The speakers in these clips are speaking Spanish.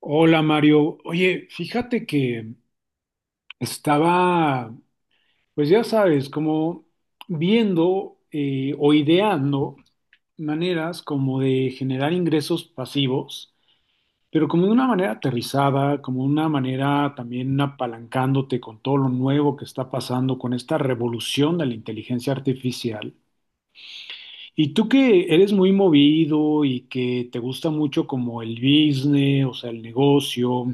Hola Mario, oye, fíjate que estaba, pues ya sabes, como viendo o ideando maneras como de generar ingresos pasivos, pero como de una manera aterrizada, como una manera también apalancándote con todo lo nuevo que está pasando con esta revolución de la inteligencia artificial. Y tú que eres muy movido y que te gusta mucho como el business, o sea, el negocio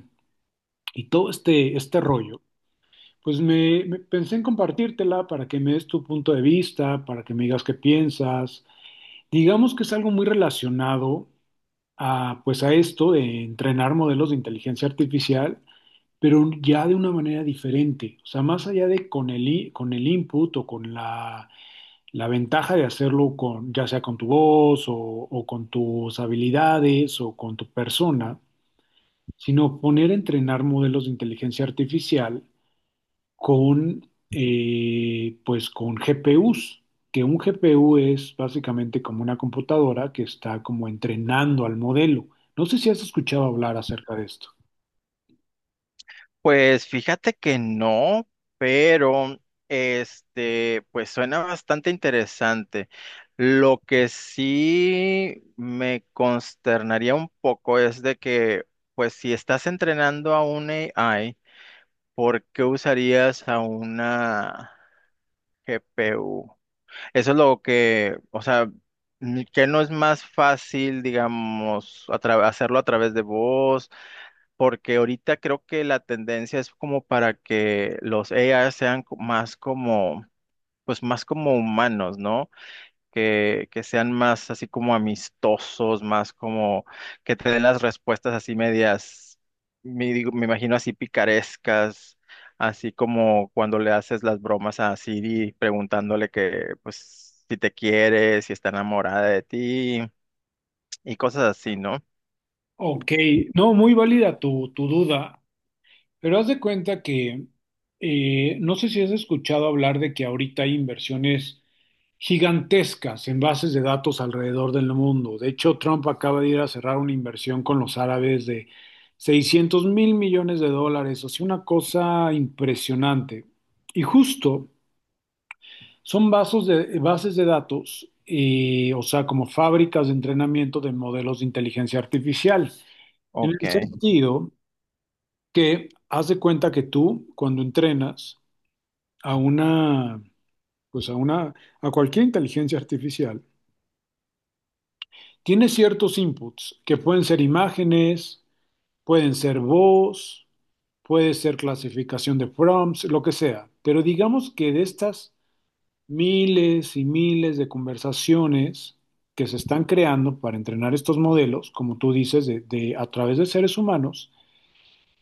y todo este rollo. Pues pensé en compartírtela para que me des tu punto de vista, para que me digas qué piensas. Digamos que es algo muy relacionado a, pues a esto de entrenar modelos de inteligencia artificial, pero ya de una manera diferente. O sea, más allá de con con el input o con la ventaja de hacerlo con, ya sea con tu voz o con tus habilidades o con tu persona, sino poner a entrenar modelos de inteligencia artificial con, pues con GPUs, que un GPU es básicamente como una computadora que está como entrenando al modelo. No sé si has escuchado hablar acerca de esto. Pues fíjate que no, pero pues suena bastante interesante. Lo que sí me consternaría un poco es de que, pues si estás entrenando a un AI, ¿por qué usarías a una GPU? Eso es lo que, o sea, que no es más fácil, digamos, hacerlo a través de voz porque ahorita creo que la tendencia es como para que los AI más como, pues más como humanos, ¿no? Que sean más así como amistosos, más como que te den las respuestas así medias, me imagino así picarescas, así como cuando le haces las bromas a Siri preguntándole que, pues, si te quiere, si está enamorada de ti y cosas así, ¿no? Ok, no, muy válida tu duda. Pero haz de cuenta que no sé si has escuchado hablar de que ahorita hay inversiones gigantescas en bases de datos alrededor del mundo. De hecho, Trump acaba de ir a cerrar una inversión con los árabes de 600,000 millones de dólares, o sea, una cosa impresionante. Y justo son bases de datos, o sea, como fábricas de entrenamiento de modelos de inteligencia artificial. En Ok. el sentido que haz de cuenta que tú, cuando entrenas a una, pues a una, a cualquier inteligencia artificial, tiene ciertos inputs que pueden ser imágenes, pueden ser voz, puede ser clasificación de prompts, lo que sea. Pero digamos que de estas miles y miles de conversaciones que se están creando para entrenar estos modelos, como tú dices, a través de seres humanos,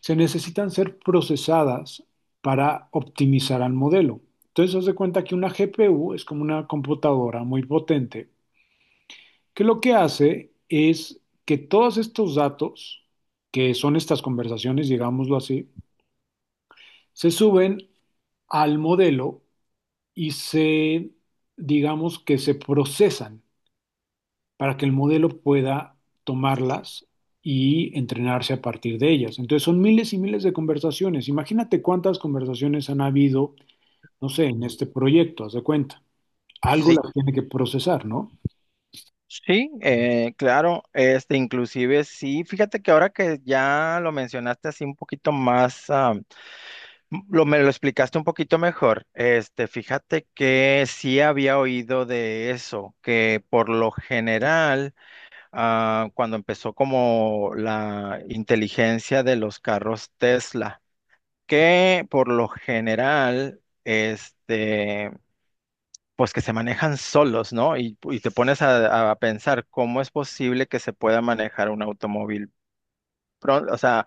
se necesitan ser procesadas para optimizar al modelo. Entonces, haz de cuenta que una GPU es como una computadora muy potente, que lo que hace es que todos estos datos, que son estas conversaciones, digámoslo así, se suben al modelo y digamos que se procesan para que el modelo pueda tomarlas y entrenarse a partir de ellas. Entonces son miles y miles de conversaciones. Imagínate cuántas conversaciones han habido, no sé, en Mm. este proyecto, haz de cuenta. Algo Sí, las tiene que procesar, ¿no? sí, claro, inclusive sí, fíjate que ahora que ya lo mencionaste así un poquito más, me lo explicaste un poquito mejor, fíjate que sí había oído de eso, que por lo general, cuando empezó como la inteligencia de los carros Tesla, que por lo general, este pues que se manejan solos, ¿no? Y te pones a pensar cómo es posible que se pueda manejar un automóvil, o sea,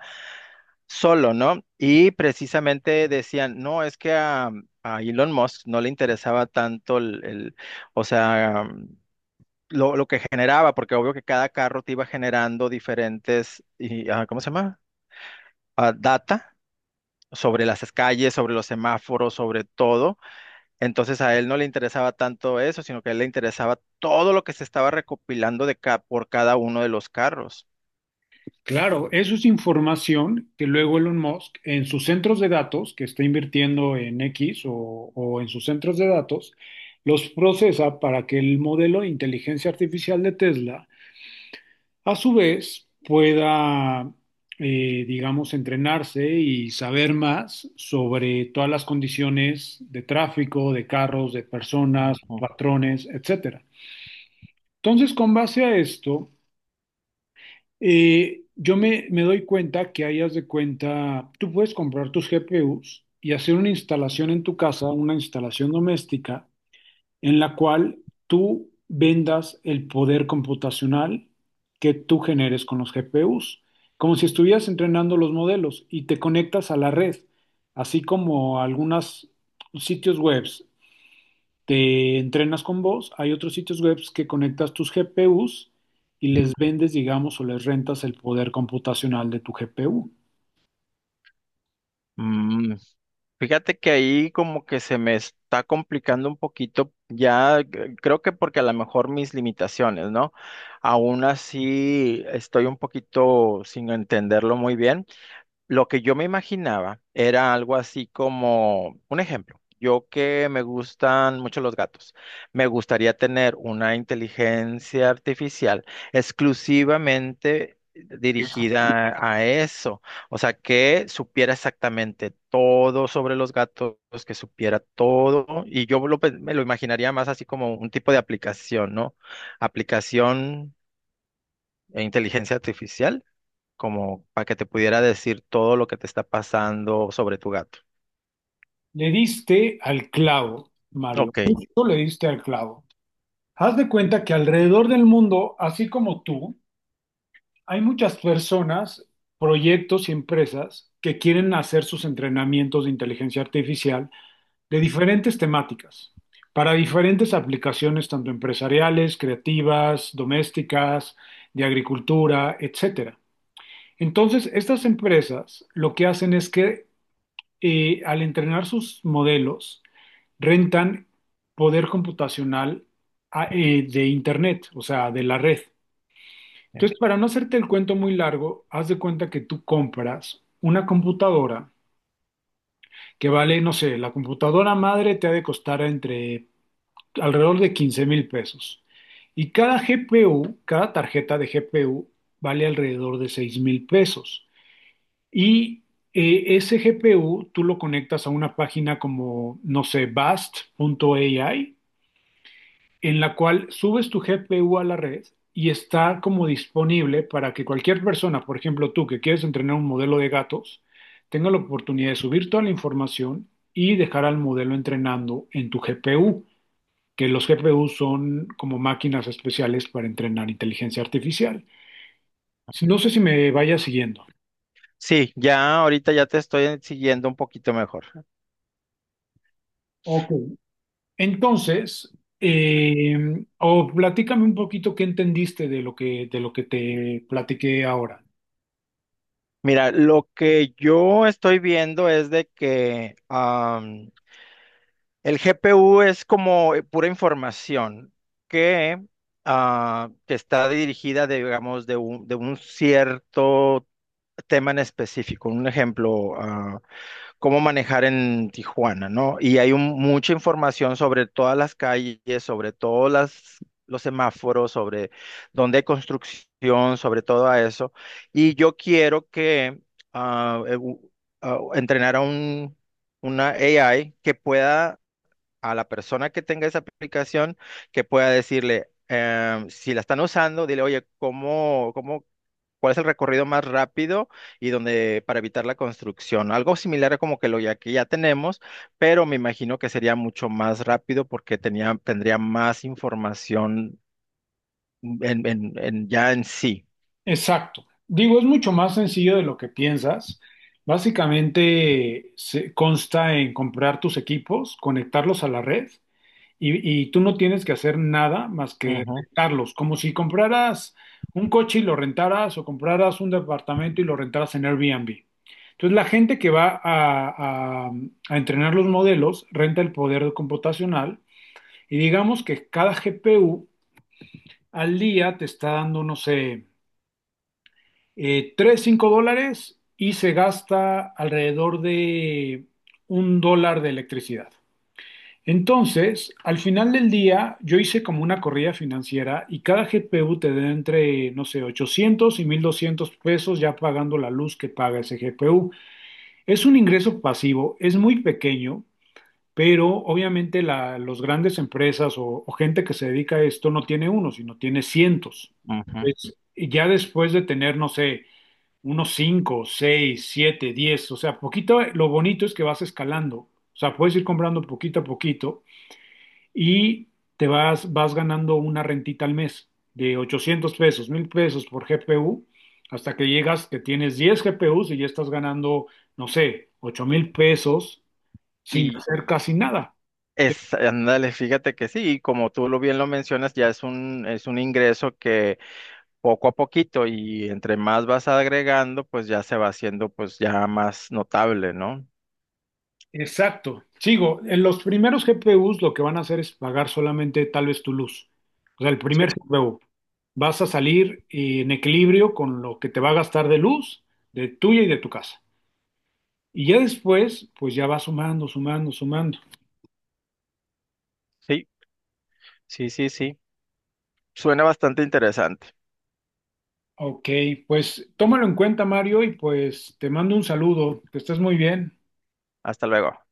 solo, ¿no? Y precisamente decían, no, es que a Elon Musk no le interesaba tanto o sea, lo que generaba, porque obvio que cada carro te iba generando diferentes, y, ¿cómo se llama? Data sobre las calles, sobre los semáforos, sobre todo. Entonces a él no le interesaba tanto eso, sino que a él le interesaba todo lo que se estaba recopilando de por cada uno de los carros. Claro, eso es información que luego Elon Musk en sus centros de datos, que está invirtiendo en X o en sus centros de datos, los procesa para que el modelo de inteligencia artificial de Tesla, a su vez, pueda, digamos, entrenarse y saber más sobre todas las condiciones de tráfico, de carros, de personas, Ujú. patrones, etcétera. Entonces, con base a esto, yo me doy cuenta que hayas de cuenta, tú puedes comprar tus GPUs y hacer una instalación en tu casa, una instalación doméstica en la cual tú vendas el poder computacional que tú generes con los GPUs, como si estuvieras entrenando los modelos y te conectas a la red, así como algunos sitios webs te entrenas con vos, hay otros sitios webs que conectas tus GPUs y les vendes, digamos, o les rentas el poder computacional de tu GPU. Mm, fíjate que ahí como que se me está complicando un poquito ya, creo que porque a lo mejor mis limitaciones, ¿no? Aún así estoy un poquito sin entenderlo muy bien. Lo que yo me imaginaba era algo así como, un ejemplo, yo que me gustan mucho los gatos, me gustaría tener una inteligencia artificial exclusivamente dirigida a eso, o sea, que supiera exactamente todo sobre los gatos, que supiera todo, y yo me lo imaginaría más así como un tipo de aplicación, ¿no? Aplicación e inteligencia artificial como para que te pudiera decir todo lo que te está pasando sobre tu gato. Le diste al clavo, Mario. Ok. Justo le diste al clavo. Haz de cuenta que alrededor del mundo, así como tú, hay muchas personas, proyectos y empresas que quieren hacer sus entrenamientos de inteligencia artificial de diferentes temáticas, para diferentes aplicaciones, tanto empresariales, creativas, domésticas, de agricultura, etcétera. Entonces, estas empresas lo que hacen es que al entrenar sus modelos, rentan poder computacional de Internet, o sea, de la red. Entonces, para no hacerte el cuento muy largo, haz de cuenta que tú compras una computadora que vale, no sé, la computadora madre te ha de costar entre alrededor de 15 mil pesos. Y cada GPU, cada tarjeta de GPU vale alrededor de 6 mil pesos. Y ese GPU tú lo conectas a una página como, no sé, Bast.ai en la cual subes tu GPU a la red y está como disponible para que cualquier persona, por ejemplo tú que quieres entrenar un modelo de gatos, tenga la oportunidad de subir toda la información y dejar al modelo entrenando en tu GPU, que los GPU son como máquinas especiales para entrenar inteligencia artificial. No sé si me vaya siguiendo. Sí, ya ahorita ya te estoy siguiendo un poquito mejor. Ok. Entonces, o platícame un poquito qué entendiste de lo que te platiqué ahora. Mira, lo que yo estoy viendo es de que am, el GPU es como pura información que, que está dirigida, digamos, de un cierto tema en específico. Un ejemplo, cómo manejar en Tijuana, ¿no? Y hay mucha información sobre todas las calles, sobre los semáforos, sobre dónde hay construcción, sobre todo a eso. Y yo quiero que ah, eh, u- entrenar una AI que pueda, a la persona que tenga esa aplicación, que pueda decirle, si la están usando, dile, oye, ¿cómo, cuál es el recorrido más rápido y donde para evitar la construcción? Algo similar a como que lo ya que ya tenemos, pero me imagino que sería mucho más rápido porque tendría más información ya en sí. Exacto. Digo, es mucho más sencillo de lo que piensas. Básicamente se consta en comprar tus equipos, conectarlos a la red y tú no tienes que hacer nada más que Ujú, rentarlos, como si compraras un coche y lo rentaras o compraras un departamento y lo rentaras en Airbnb. Entonces la gente que va a entrenar los modelos renta el poder computacional y digamos que cada GPU al día te está dando, no sé, 3, $5 y se gasta alrededor de un dólar de electricidad. Entonces, al final del día, yo hice como una corrida financiera y cada GPU te da entre, no sé, 800 y 1,200 pesos ya pagando la luz que paga ese GPU. Es un ingreso pasivo, es muy pequeño, pero obviamente los grandes empresas o gente que se dedica a esto no tiene uno, sino tiene cientos. ujú. Y ya después de tener, no sé, unos cinco, seis, siete, diez, o sea, poquito, lo bonito es que vas escalando, o sea, puedes ir comprando poquito a poquito y vas ganando una rentita al mes de 800 pesos, 1,000 pesos por GPU, hasta que llegas que tienes 10 GPUs y ya estás ganando, no sé, 8,000 pesos sin Y hacer casi nada. Ándale, fíjate que sí, y como tú lo bien lo mencionas, ya es un ingreso que poco a poquito y entre más vas agregando, pues ya se va haciendo pues ya más notable, ¿no? Exacto. Sigo, en los primeros GPUs lo que van a hacer es pagar solamente tal vez tu luz. O sea, el Sí, primer GPU. Vas a salir en equilibrio con lo que te va a gastar de luz, de tuya y de tu casa. Y ya después, pues ya va sumando, sumando, sumando. sí, sí, sí, sí. Suena bastante interesante. Ok, pues tómalo en cuenta, Mario, y pues te mando un saludo. Que estés muy bien. Hasta luego.